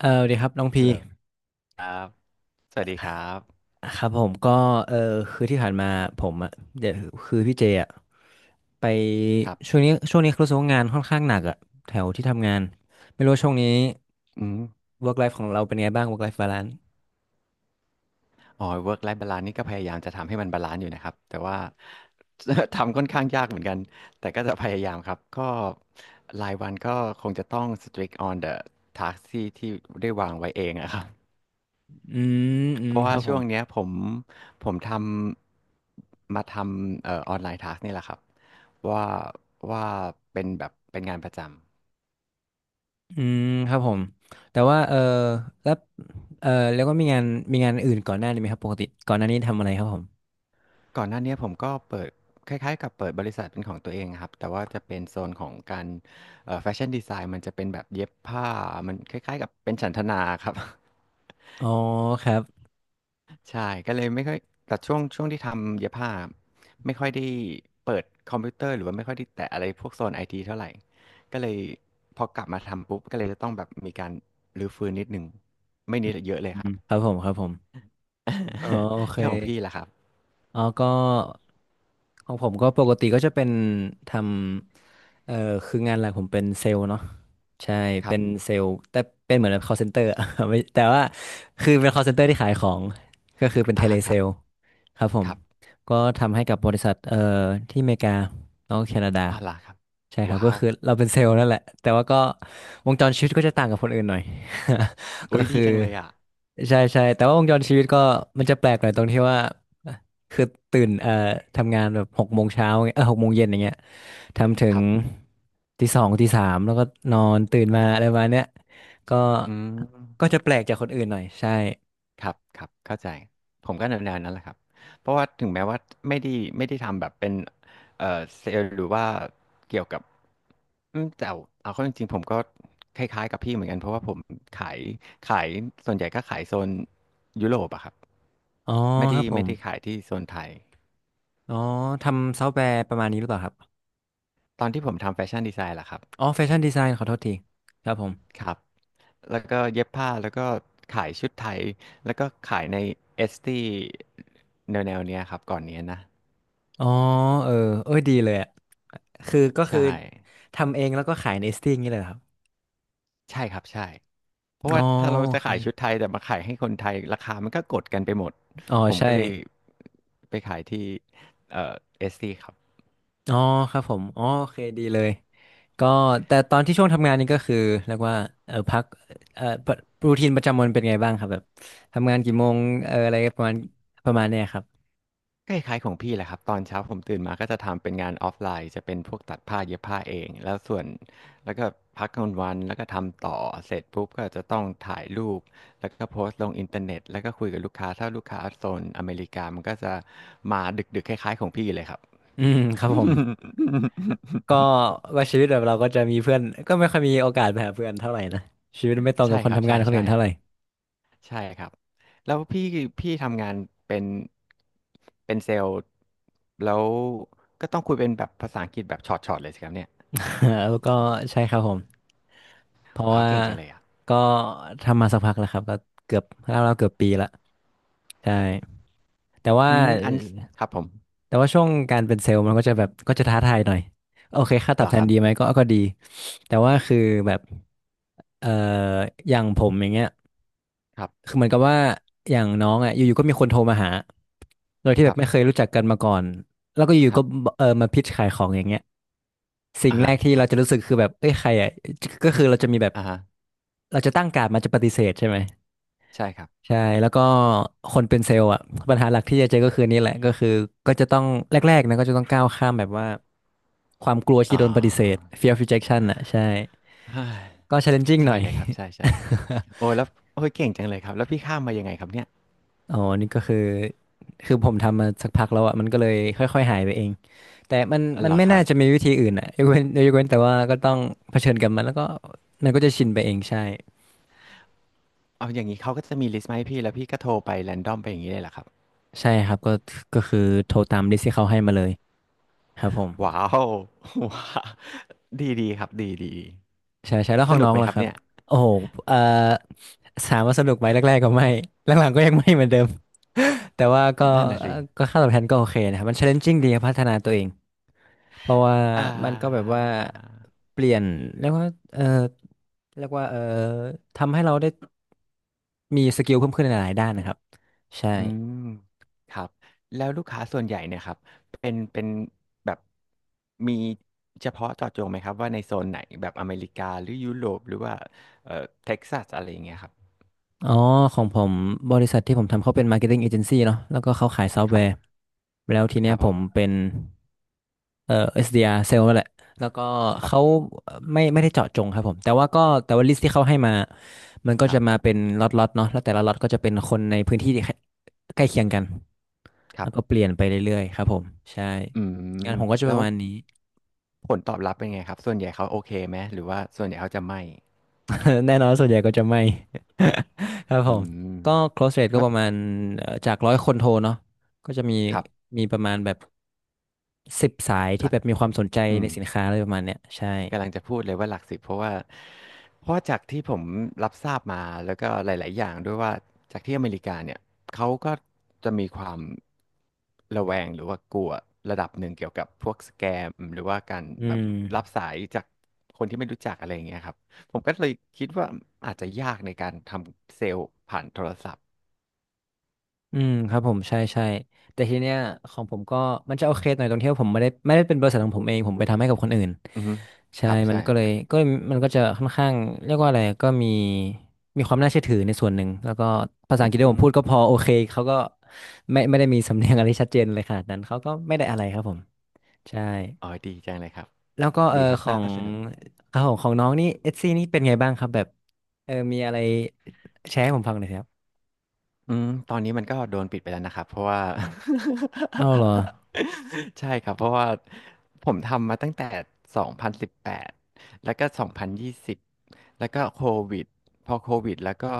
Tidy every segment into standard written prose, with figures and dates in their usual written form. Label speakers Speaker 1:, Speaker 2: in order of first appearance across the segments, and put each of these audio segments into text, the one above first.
Speaker 1: เออสวัสดีครับน้อง
Speaker 2: ฮั
Speaker 1: พี
Speaker 2: ลโหลครับสวัสดีครับ
Speaker 1: ครับผมก็เออคือที่ผ่านมาผมอ่ะเดี๋ยวคือพี่เจอ่ะไป
Speaker 2: ครั
Speaker 1: ช่ว
Speaker 2: บ
Speaker 1: งนี้ช่วงนี้รู้สึกว่างานค่อนข้างหนักอ่ะแถวที่ทำงานไม่รู้ว่าช่วงนี้
Speaker 2: อืม
Speaker 1: work life ของเราเป็นไงบ้าง work life balance
Speaker 2: อ๋อ work life balance นี่ก็พยายามจะทำให้มันบาลานซ์อยู่นะครับ แต่ว่า ทำค่อนข้างยากเหมือนกัน แต่ก็จะพยายามครับ ก็รายวันก็คงจะต้อง strict on the task ที่ได้วางไว้เองอะครับ
Speaker 1: อืมอื
Speaker 2: เพ
Speaker 1: ม
Speaker 2: ราะ
Speaker 1: ค
Speaker 2: ว่า
Speaker 1: รับผ
Speaker 2: ช่ว
Speaker 1: ม
Speaker 2: งเนี้ยผมผมทำออนไลน์ task นี่แหละครับว่าว่าเป็นแบบเป็นงานประจำ
Speaker 1: อืมครับผมแต่ว่าแล้วเออแล้วก็มีงานอื่นก่อนหน้านี้ไหมครับปกติก่อนหน้านี้ทำอะไรครับผม
Speaker 2: ก่อนหน้าเนี้ยผมก็เปิดคล้ายๆกับเปิดบริษัทเป็นของตัวเองอะครับแต่ว่าจะเป็นโซนของการแฟชั่นดีไซน์มันจะเป็นแบบเย็บผ้ามันคล้ายๆกับเป็นฉันทนาครับ
Speaker 1: อ๋อครับ
Speaker 2: ใช่ก็เลยไม่ค่อยแต่ช่วงที่ทำเย็บผ้าไม่ค่อยได้เปิดคอมพิวเตอร์หรือว่าไม่ค่อยได้แตะอะไรพวกโซนไอทีเท่าไรก็เลยพอกลับมาทำปุ๊บก็เลยจะต้องแบบมีการรื้อฟื้นนิดหนึ่งไม่นิดอะเยอะเลย
Speaker 1: อื
Speaker 2: ค
Speaker 1: ม
Speaker 2: รับ
Speaker 1: ครับผมครับผมอ๋อโอเค
Speaker 2: แล้วของพี่ล่ะครับ
Speaker 1: อ๋อก็ของผมก็ปกติก็จะเป็นทำคืองานหลักผมเป็นเซลล์เนาะใช่
Speaker 2: ครั
Speaker 1: เป็
Speaker 2: บ
Speaker 1: นเซลล์แต่เป็นเหมือน call center อะ ไม่แต่ว่าคือเป็น call center ที่ขายของก็คือเป็นเท
Speaker 2: อะ
Speaker 1: เล
Speaker 2: ฮะค
Speaker 1: เซ
Speaker 2: รั
Speaker 1: ล
Speaker 2: บ
Speaker 1: ล์ครับผ
Speaker 2: ค
Speaker 1: ม
Speaker 2: รับ
Speaker 1: ก็ทำให้กับบริษัทที่อเมริกาแล้วก็แคนาดา
Speaker 2: อ๋อเหรอครับ
Speaker 1: ใช่ครับ
Speaker 2: ว้า
Speaker 1: ก็
Speaker 2: ว
Speaker 1: คือเราเป็นเซลล์นั่นแหละแต่ว่าก็วงจรชีวิตก็จะต่างกับคนอื่นหน่อย ก็
Speaker 2: อุ้ยดี
Speaker 1: คือ
Speaker 2: จังเลยอ่ะ
Speaker 1: ใช่ใช่แต่ว่าวงจรชีวิตก็มันจะแปลกหน่อยตรงที่ว่า คือตื่นทำงานแบบ6 โมงเช้าเงี้ย6 โมงเย็นอย่างเงี้ยทำถึ
Speaker 2: ค
Speaker 1: ง
Speaker 2: รับ
Speaker 1: ตี 2ตี 3แล้วก็นอนตื่นมาอะไรประมาณเนี้ยก็
Speaker 2: อืม
Speaker 1: ก็จะแปลกจากคนอื่นหน่อยใช่
Speaker 2: ครับครับเข้าใจผมก็แนวๆนั้นแหละครับเพราะว่าถึงแม้ว่าไม่ได้ไม่ได้ทำแบบเป็นเอ่อเซลล์หรือว่าเกี่ยวกับอืมแต่เอาเข้าจริงๆผมก็คล้ายๆกับพี่เหมือนกันเพราะว่าผมขายขายส่วนใหญ่ก็ขายโซนยุโรปอะครับ
Speaker 1: อ๋อ
Speaker 2: ไม่
Speaker 1: ค
Speaker 2: ได้
Speaker 1: รับผ
Speaker 2: ไม่ได้ขา
Speaker 1: ม
Speaker 2: ยที่โซนไทย
Speaker 1: อ๋อทำซอฟต์แวร์ประมาณนี้หรือเปล่าครับ
Speaker 2: ตอนที่ผมทำแฟชั่นดีไซน์ล่ะครับ
Speaker 1: อ๋อแฟชั่นดีไซน์ขอโทษทีครับผม
Speaker 2: แล้วก็เย็บผ้าแล้วก็ขายชุดไทยแล้วก็ขายในเอสตี้แนวเนี้ยครับก่อนเนี้ยนะ
Speaker 1: อ๋อเออเอ้ยดีเลยอ่ะคือก็คือ
Speaker 2: ใช่
Speaker 1: ทำเองแล้วก็ขายในสติ้งนี่เลยเหรอครับ
Speaker 2: ใช่ครับใช่เพราะ
Speaker 1: อ๋
Speaker 2: ว่า
Speaker 1: อ
Speaker 2: ถ้าเรา
Speaker 1: โอ
Speaker 2: จะ
Speaker 1: เค
Speaker 2: ขายชุดไทยแต่มาขายให้คนไทยราคามันก็กดกันไปหมด
Speaker 1: อ๋อ
Speaker 2: ผม
Speaker 1: ใช่
Speaker 2: ก็เลยไปขายที่เอ่อเอสตี้ครับ
Speaker 1: อ๋อครับผมอ๋อโอเคดีเลยก็แต่ตอนที่ช่วงทำงานนี่ก็คือเรียกว่าพักเออรูทีนประจำวันเป็นไงบ้างครับแบบทำงานกี่โมงอะไรประมาณประมาณเนี้ยครับ
Speaker 2: ก็คล้ายๆของพี่แหละครับตอนเช้าผมตื่นมาก็จะทำเป็นงานออฟไลน์จะเป็นพวกตัดผ้าเย็บผ้าเองแล้วส่วนแล้วก็พักกลางวันแล้วก็ทำต่อเสร็จปุ๊บก็จะต้องถ่ายรูปแล้วก็โพสต์ลงอินเทอร์เน็ตแล้วก็คุยกับลูกค้าถ้าลูกค้าโซนอเมริกามันก็จะมาดึกๆคล้ายๆของพี่เลยครับ
Speaker 1: อืมครับผมก็ว่าชีวิตแบบเราก็จะมีเพื่อนก็ไม่ค่อยมีโอกาสไปหาเพื่อนเท่าไหร่นะชีวิตไม่ตรง
Speaker 2: ใช่
Speaker 1: กับค
Speaker 2: ค
Speaker 1: น
Speaker 2: รับ
Speaker 1: ทำ
Speaker 2: ใช่
Speaker 1: งานคน
Speaker 2: ใช่
Speaker 1: อื่นเท่าไหร่
Speaker 2: ใช่ครับแล้วพี่ทำงานเป็นเป็นเซลล์แล้วก็ต้องคุยเป็นแบบภาษาอังกฤษแบบช็อตๆเลยสิครับเนี่ย
Speaker 1: แล้วก็ใช่ครับผมเพราะ
Speaker 2: ว้าว
Speaker 1: ว่า
Speaker 2: เก่งจังเลยอะ
Speaker 1: ก็ทำมาสักพักแล้วครับก็เกือบเราเกือบปีละใช่แต่ว่า
Speaker 2: อืมอันครับผม
Speaker 1: ช่วงการเป็นเซลล์มันก็จะแบบก็จะท้าทายหน่อยโอเคค่าต
Speaker 2: เห
Speaker 1: อ
Speaker 2: ร
Speaker 1: บ
Speaker 2: อ
Speaker 1: แท
Speaker 2: ค
Speaker 1: น
Speaker 2: รับ
Speaker 1: ดีไหมก็ดีแต่ว่าคือแบบเอ่ออย่างผมอย่างเงี้ย
Speaker 2: ครับ
Speaker 1: คือเหมือนกับว่าอย่างน้องอ่ะอยู่ๆก็มีคนโทรมาหาโดยที่
Speaker 2: ค
Speaker 1: แบ
Speaker 2: รั
Speaker 1: บไม่เค
Speaker 2: บ
Speaker 1: ยรู้จักกันมาก่อนแล้วก็อยู่
Speaker 2: ค
Speaker 1: ๆ
Speaker 2: รั
Speaker 1: ก็
Speaker 2: บ
Speaker 1: มาพิชขายของอย่างเงี้ยสิ่ง
Speaker 2: อ่า
Speaker 1: แร
Speaker 2: ฮะ
Speaker 1: กที่
Speaker 2: ครั
Speaker 1: เราจะ
Speaker 2: บ
Speaker 1: รู้สึกคือแบบเอ้ยใครอ่ะก็คือเราจะมีแบบ
Speaker 2: อ่าฮะ
Speaker 1: เราจะตั้งการ์ดมาจะปฏิเสธใช่ไหม
Speaker 2: ใช่ครับ
Speaker 1: ใช่แล้วก็คนเป็นเซลล์อ่ะปัญหาหลักที่จะเจอก็คือนี่แหละก็คือก็จะต้องแรกๆนะก็จะต้องก้าวข้ามแบบว่าความกลัวที่
Speaker 2: อ่
Speaker 1: โดนปฏิเสธ
Speaker 2: า
Speaker 1: fear of rejection อ่ะใช่
Speaker 2: เฮ้ย
Speaker 1: ก็ challenging ห
Speaker 2: ใช่
Speaker 1: น่อย
Speaker 2: เลยครับใช่ใช่โอ้แล้วโอ้ยเก่งจังเลยครับแล้วพี่ข้ามมายังไงครับเนี่ย
Speaker 1: อ๋อนี่ก็คือผมทำมาสักพักแล้วอ่ะมันก็เลยค่อยๆหายไปเองแต่มัน
Speaker 2: อ๋อ
Speaker 1: มั
Speaker 2: เห
Speaker 1: น
Speaker 2: รอ
Speaker 1: ไม่
Speaker 2: ค
Speaker 1: น่า
Speaker 2: รับ
Speaker 1: จะมีวิธีอื่นอ่ะยกเว้นแต่ว่าก็ต้องเผชิญกับมันแล้วก็มันก็จะชินไปเองใช่
Speaker 2: เอาอย่างนี้เขาก็จะมีลิสต์มาให้พี่แล้วพี่ก็โทรไปแรนดอมไปอย่างนี้เลยเหรอครับ
Speaker 1: ใช่ครับก็คือโทรตามลิสต์ที่เขาให้มาเลยครับผม
Speaker 2: ว้าวว้าว ดีดีครับดีดี
Speaker 1: ใช่ใช่แล้วข
Speaker 2: ส
Speaker 1: อง
Speaker 2: นุ
Speaker 1: น้
Speaker 2: ก
Speaker 1: อ
Speaker 2: ไห
Speaker 1: ง
Speaker 2: มค
Speaker 1: ล่ะ
Speaker 2: รับ
Speaker 1: ครับ
Speaker 2: เนี่ย
Speaker 1: โอ้โหเอ่อถามว่าสนุกไหมแรกๆก็ไม่ หลังๆก็ยังไม่เหมือนเดิม แต่ว่าก็
Speaker 2: นั่นน่ะ
Speaker 1: เอ่อ
Speaker 2: สิ
Speaker 1: ก็ค่าตอบแทนก็โอเคนะครับมัน challenging ดีครับพัฒนาตัวเองเพราะว่า
Speaker 2: อ่า
Speaker 1: มันก็แบบว่าเปลี่ยนเรียกว่าเออเรียกว่าเออทำให้เราได้มีสกิลเพิ่มขึ้นในหลายๆด้านนะครับ
Speaker 2: อื
Speaker 1: ใช่
Speaker 2: มครับแล้วลูกค้าส่วนใหญ่เนี่ยครับเป็นแบบมีเฉพาะเจาะจงไหมครับว่าในโซนไหนแบบอเมริกาหรือยุโรปหรือว่าเอ่อเท็กซัสอะไรอย่างเงี้ยครับ
Speaker 1: อ๋อของผมบริษัทที่ผมทำเขาเป็น marketing agency เนาะแล้วก็เขาขายซอฟต์
Speaker 2: ค
Speaker 1: แว
Speaker 2: รั
Speaker 1: ร์
Speaker 2: บ
Speaker 1: แล้วที
Speaker 2: ค
Speaker 1: เนี้ย
Speaker 2: รับผ
Speaker 1: ผ
Speaker 2: ม
Speaker 1: มเป็น เอ่อ SDR เซลล์นั่นแหละแล้วก็
Speaker 2: ครั
Speaker 1: เขา
Speaker 2: บ
Speaker 1: ไม่ได้เจาะจงครับผมแต่ว่าก็แต่ว่าลิสต์ที่เขาให้มามันก็
Speaker 2: ครั
Speaker 1: จะมา
Speaker 2: บ
Speaker 1: เป็นล็อตๆเนาะแล้วแต่ละล็อตก็จะเป็นคนในพื้นที่ที่ใกล้เคียงกัน
Speaker 2: ครั
Speaker 1: แล้
Speaker 2: บ
Speaker 1: วก็เปลี่ยนไปเรื่อยๆครับผมใช่
Speaker 2: อืม
Speaker 1: งานผมก็จะป
Speaker 2: แล้ว
Speaker 1: ระมาณนี้
Speaker 2: ผลตอบรับเป็นไงครับส่วนใหญ่เขาโอเคไหมหรือว่าส่วนใหญ่เขาจะไม่
Speaker 1: แน่นอนส่วนใหญ่ก็จะไม่ ครับผ
Speaker 2: อื
Speaker 1: ม
Speaker 2: ม
Speaker 1: ก็ close rate
Speaker 2: เพ
Speaker 1: ก็
Speaker 2: ราะ
Speaker 1: ประมาณจาก100 คนโทรเนาะก็จะมี
Speaker 2: ครับ
Speaker 1: มีประมาณแบบ10 สาย
Speaker 2: ห
Speaker 1: ที่
Speaker 2: ลัก
Speaker 1: แบบมีความสนใจ
Speaker 2: อื
Speaker 1: ใน
Speaker 2: ม
Speaker 1: สินค้าอะไรประมาณเนี้ยใช่
Speaker 2: กำลังจะพูดเลยว่าหลักสิบเพราะว่าจากที่ผมรับทราบมาแล้วก็หลายๆอย่างด้วยว่าจากที่อเมริกาเนี่ยเขาก็จะมีความระแวงหรือว่ากลัวระดับหนึ่งเกี่ยวกับพวกสแกมหรือว่าการ
Speaker 1: อื
Speaker 2: แบบ
Speaker 1: ม
Speaker 2: รับสายจากคนที่ไม่รู้จักอะไรอย่างเงี้ยครับผมก็เลยคิดว่าอาจจะยากในการทำเซลล์ผ่านโทรศัพท์
Speaker 1: อืมครับผมใช่ใช่แต่ทีเนี้ยของผมก็มันจะโอเคหน่อยตรงที่ว่าผมไม่ได้เป็นบริษัทของผมเองผมไปทำให้กับคนอื่น
Speaker 2: อือฮึ
Speaker 1: ใช่
Speaker 2: ครับ
Speaker 1: มัน
Speaker 2: ใช่
Speaker 1: ก็เลยก็มันก็จะค่อนข้างเรียกว่าอะไรก็มีความน่าเชื่อถือในส่วนหนึ่งแล้วก็ภาษา
Speaker 2: อื
Speaker 1: อังกฤษที่
Speaker 2: ม
Speaker 1: ผมพูดก็พอโอเคเขาก็ไม่ได้มีสำเนียงอะไรชัดเจนเลยขนาดนั้นเขาก็ไม่ได้อะไรครับผมใช่
Speaker 2: อ๋อดีจังเลยครับ
Speaker 1: แล้วก็
Speaker 2: ดีครับ
Speaker 1: ขอ
Speaker 2: น่า
Speaker 1: ง
Speaker 2: สนุก
Speaker 1: ครับผมของน้องนี่เอซี่นี่เป็นไงบ้างครับแบบมีอะไรแชร์ให้ผมฟังหน่อยสิครับ
Speaker 2: อืมตอนนี้มันก็โดนปิดไปแล้วนะครับเพราะว่า
Speaker 1: เอาเหรอ
Speaker 2: ใช่ครับเพราะว่าผมทำมาตั้งแต่2018แล้วก็2020แล้วก็โควิดพอโควิดแล้วก็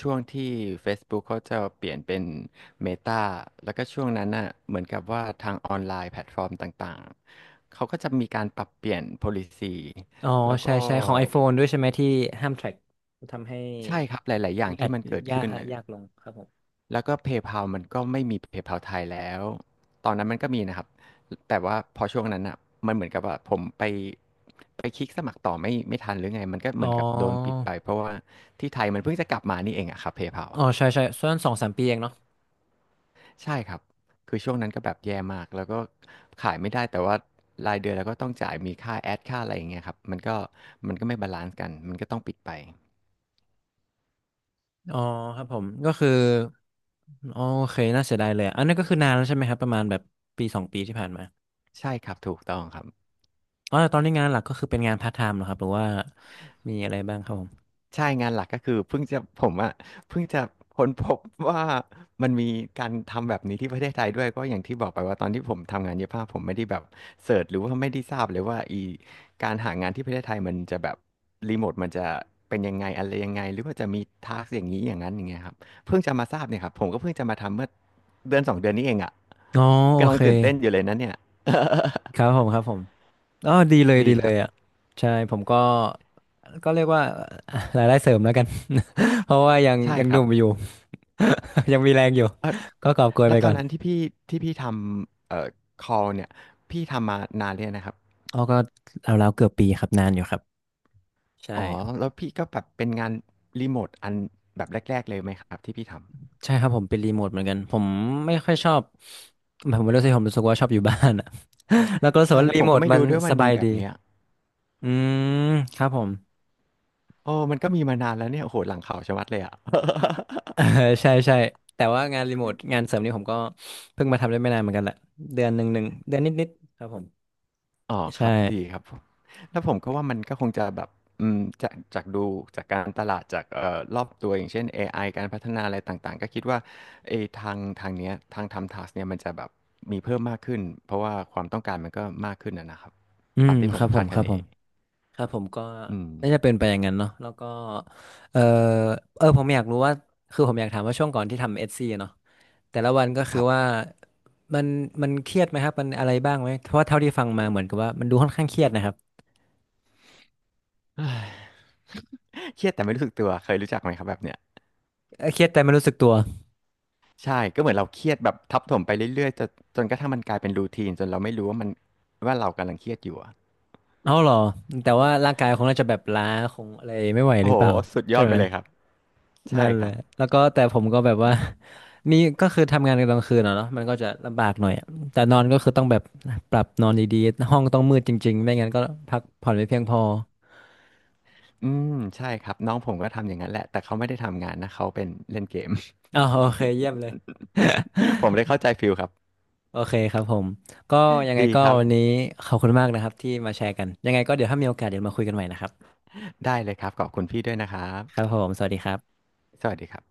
Speaker 2: ช่วงที่ Facebook เขาจะเปลี่ยนเป็น Meta แล้วก็ช่วงนั้นน่ะเหมือนกับว่าทางออนไลน์แพลตฟอร์มต่างๆเขาก็จะมีการปรับเปลี่ยน policy
Speaker 1: อ๋อ
Speaker 2: แล้ว
Speaker 1: ใช่
Speaker 2: ก็
Speaker 1: ใช่ของ iPhone ด้วยใช่ไหมที่ห้ามแทร็กทำให้
Speaker 2: ใช่ครับหลายๆอย่า
Speaker 1: อี
Speaker 2: ง
Speaker 1: กแอ
Speaker 2: ที่
Speaker 1: ด
Speaker 2: มันเกิด
Speaker 1: ยาก
Speaker 2: ขึ้นน่ะ
Speaker 1: ลงครับผม
Speaker 2: แล้วก็ PayPal มันก็ไม่มี PayPal ไทยแล้วตอนนั้นมันก็มีนะครับแต่ว่าพอช่วงนั้นอ่ะมันเหมือนกับว่าผมไปคลิกสมัครต่อไม่ทันหรือไงมันก็เห
Speaker 1: อ๋อ
Speaker 2: มือนกับโดนปิดไปเพราะว่าที่ไทยมันเพิ่งจะกลับมานี่เองอะครับ PayPal
Speaker 1: อ๋อ
Speaker 2: อะ
Speaker 1: ใช่ใช่ส่วนสองสามปีเองเนาะ
Speaker 2: ใช่ครับคือช่วงนั้นก็แบบแย่มากแล้วก็ขายไม่ได้แต่ว่ารายเดือนเราก็ต้องจ่ายมีค่าแอดค่าอะไรอย่างเงี้ยครับมันก็ไม่บาลานซ์กันมันก็ต้องปิดไป
Speaker 1: อ๋อครับผมก็คืออ๋อโอเคน่าเสียดายเลยอะอันนี้นก็คือนานแล้วใช่ไหมครับประมาณแบบปีสองปีที่ผ่านมา
Speaker 2: ใช่ครับถูกต้องครับ
Speaker 1: อ๋อแต่ตอนนี้งานหลักก็คือเป็นงานพาร์ทไทม์เหรอครับหรือว่ามีอะไรบ้างครับผม
Speaker 2: ใช่งานหลักก็คือเพิ่งจะผมอ่ะเพิ่งจะค้นพบว่ามันมีการทำแบบนี้ที่ประเทศไทยด้วยก็อย่างที่บอกไปว่าตอนที่ผมทำงานเย็บผ้าผมไม่ได้แบบเสิร์ชหรือว่าไม่ได้ทราบเลยว่าอีการหางานที่ประเทศไทยมันจะแบบรีโมทมันจะเป็นยังไงอะไรยังไงหรือว่าจะมีทาสอย่างนี้อย่างนั้นอย่างเงี้ยครับเพิ่งจะมาทราบเนี่ยครับผมก็เพิ่งจะมาทำเมื่อเดือนสองเดือนนี้เองอ่ะ
Speaker 1: อ๋อโอ
Speaker 2: กำลัง
Speaker 1: เค
Speaker 2: ตื่นเต้นอยู่เลยนะเนี่ย
Speaker 1: ครับผมครับผม อ๋อดีเลย
Speaker 2: ดี
Speaker 1: ดี
Speaker 2: ค
Speaker 1: เล
Speaker 2: รั
Speaker 1: ย
Speaker 2: บ
Speaker 1: อ่ะ ใช่ผมก็ ก็เรียกว่า รายได้เสริมแล้วกัน เพราะว่า
Speaker 2: ใช่
Speaker 1: ยัง
Speaker 2: ค
Speaker 1: ห
Speaker 2: รั
Speaker 1: นุ่
Speaker 2: บ
Speaker 1: มอยู่ ยังมีแรงอยู่
Speaker 2: เออ
Speaker 1: ก็กอบโกย
Speaker 2: แล้
Speaker 1: ไป
Speaker 2: วตอ
Speaker 1: ก่อ
Speaker 2: น
Speaker 1: น
Speaker 2: นั้นที่พี่ทำcall เนี่ยพี่ทำมานานเลยงนะครับ
Speaker 1: อ๋อก็เอาแล้วเกือบปีครับนานอยู่ครับใช่
Speaker 2: อ๋อแล้วพี่ก็แบบเป็นงานรีโมทอันแบบแรกๆเลยไหมครับที่พี่ท
Speaker 1: ใช่ครับผมเป็นรีโมทเหมือนกันผมไม่ค่อยชอบผมไม่รู้สิผมรู้สึกว่าชอบอยู่บ้านอ่ะ แล้วก็
Speaker 2: ำ
Speaker 1: รู้สึก
Speaker 2: ใช่
Speaker 1: ว่า
Speaker 2: แล้ว
Speaker 1: รี
Speaker 2: ผม
Speaker 1: โม
Speaker 2: ก็
Speaker 1: ท
Speaker 2: ไม่
Speaker 1: มัน
Speaker 2: รู้ด้วยว่า
Speaker 1: ส
Speaker 2: มัน
Speaker 1: บา
Speaker 2: มี
Speaker 1: ย
Speaker 2: แบ
Speaker 1: ดี
Speaker 2: บเนี้ย
Speaker 1: อืม ครับผม
Speaker 2: โอ้มันก็มีมานานแล้วเนี่ยโอ้โหหลังข่าวชะมัดเลยอ่ะ
Speaker 1: เออใช่ใช่แต่ว่างานรีโมทงานเสริมนี่ผมก็เพิ่งมาทำได้ไม่นานเหมือนกันแหละเดือนหนึ่งหนึ่งเดือนนิดๆครับผม
Speaker 2: อ๋อค
Speaker 1: ใช่
Speaker 2: รับดีครับผมแล้วผมก็ว่ามันก็คงจะแบบอืมจากดูจากการตลาดจากรอบตัวอย่างเช่น AI การพัฒนาอะไรต่างๆก็คิดว่าเออทางเนี้ยทางทำทัสเนี่ยมันจะแบบมีเพิ่มมากขึ้นเพราะว่าความต้องการมันก็มากขึ้นนะครับ
Speaker 1: อื
Speaker 2: ตา
Speaker 1: ม
Speaker 2: มที่ผ
Speaker 1: ค
Speaker 2: ม
Speaker 1: รับผ
Speaker 2: คาด
Speaker 1: มค
Speaker 2: คะ
Speaker 1: รับ
Speaker 2: เน
Speaker 1: ผมครับผมก็
Speaker 2: อืม
Speaker 1: น่าจะเป็นไปอย่างนั้นเนาะแล้วก็เออผมอยากรู้ว่า คือผมอยากถามว่าช่วงก่อนที่ทำเอสซีเนาะแต่ละวันก็
Speaker 2: ค
Speaker 1: คือ
Speaker 2: รับ
Speaker 1: ว่า มันมันเครียดไหมครับมันอะไรบ้างไหมเพราะว่าเท่าที่ฟังมาเหมือนกับว่ามันดูค่อนข้างเครียดนะครับ
Speaker 2: เฮ้ยเครียดแต่ไม่รู้สึกตัวเคยรู้จักไหมครับแบบเนี้ย
Speaker 1: เครียดแต่ไม่รู้สึกตัว
Speaker 2: ใช่ก็เหมือนเราเครียดแบบทับถมไปเรื่อยๆจนกระทั่งมันกลายเป็นรูทีนจนเราไม่รู้ว่าเรากำลังเครียดอยู่อะ
Speaker 1: เอ้าเหรอ แต่ว่าร่างกายคงน่าจะแบบล้าคงอะไรไม่ไหวห
Speaker 2: โอ้
Speaker 1: รื
Speaker 2: โห
Speaker 1: อเปล่า
Speaker 2: สุดย
Speaker 1: ใช่
Speaker 2: อดไป
Speaker 1: ไหม
Speaker 2: เลยครับใช่
Speaker 1: นั่น
Speaker 2: ค
Speaker 1: แห
Speaker 2: รั
Speaker 1: ละ
Speaker 2: บ
Speaker 1: แล้วก็แต่ผมก็แบบว่า มีก็คือทำงานนกลางคืนอะเนาะมันก็จะลำบากหน่อยอะแต่นอนก็คือต้องแบบปรับนอนดีๆ ห้องต้องมืดจริงๆ ไม่งั้นก็พักผ่อนไม่เพียงพอ
Speaker 2: อืมใช่ครับน้องผมก็ทำอย่างนั้นแหละแต่เขาไม่ได้ทำงานนะเขาเป็นเล่นเกม
Speaker 1: อ๋อโอเคเยี่ยมเลย
Speaker 2: ผมเลยเข้าใจฟิลครับ
Speaker 1: โอเคครับผม ก็ยังไง
Speaker 2: ดี
Speaker 1: ก็
Speaker 2: ครับ
Speaker 1: วันนี้ขอบคุณมากนะครับที่มาแชร์กันยังไงก็เดี๋ยวถ้ามีโอกาสเดี๋ยวมาคุยกันใหม่นะครับ
Speaker 2: ได้เลยครับขอบคุณพี่ด้วยนะครับ
Speaker 1: ครับผมสวัสดีครับ
Speaker 2: สวัสดีครับ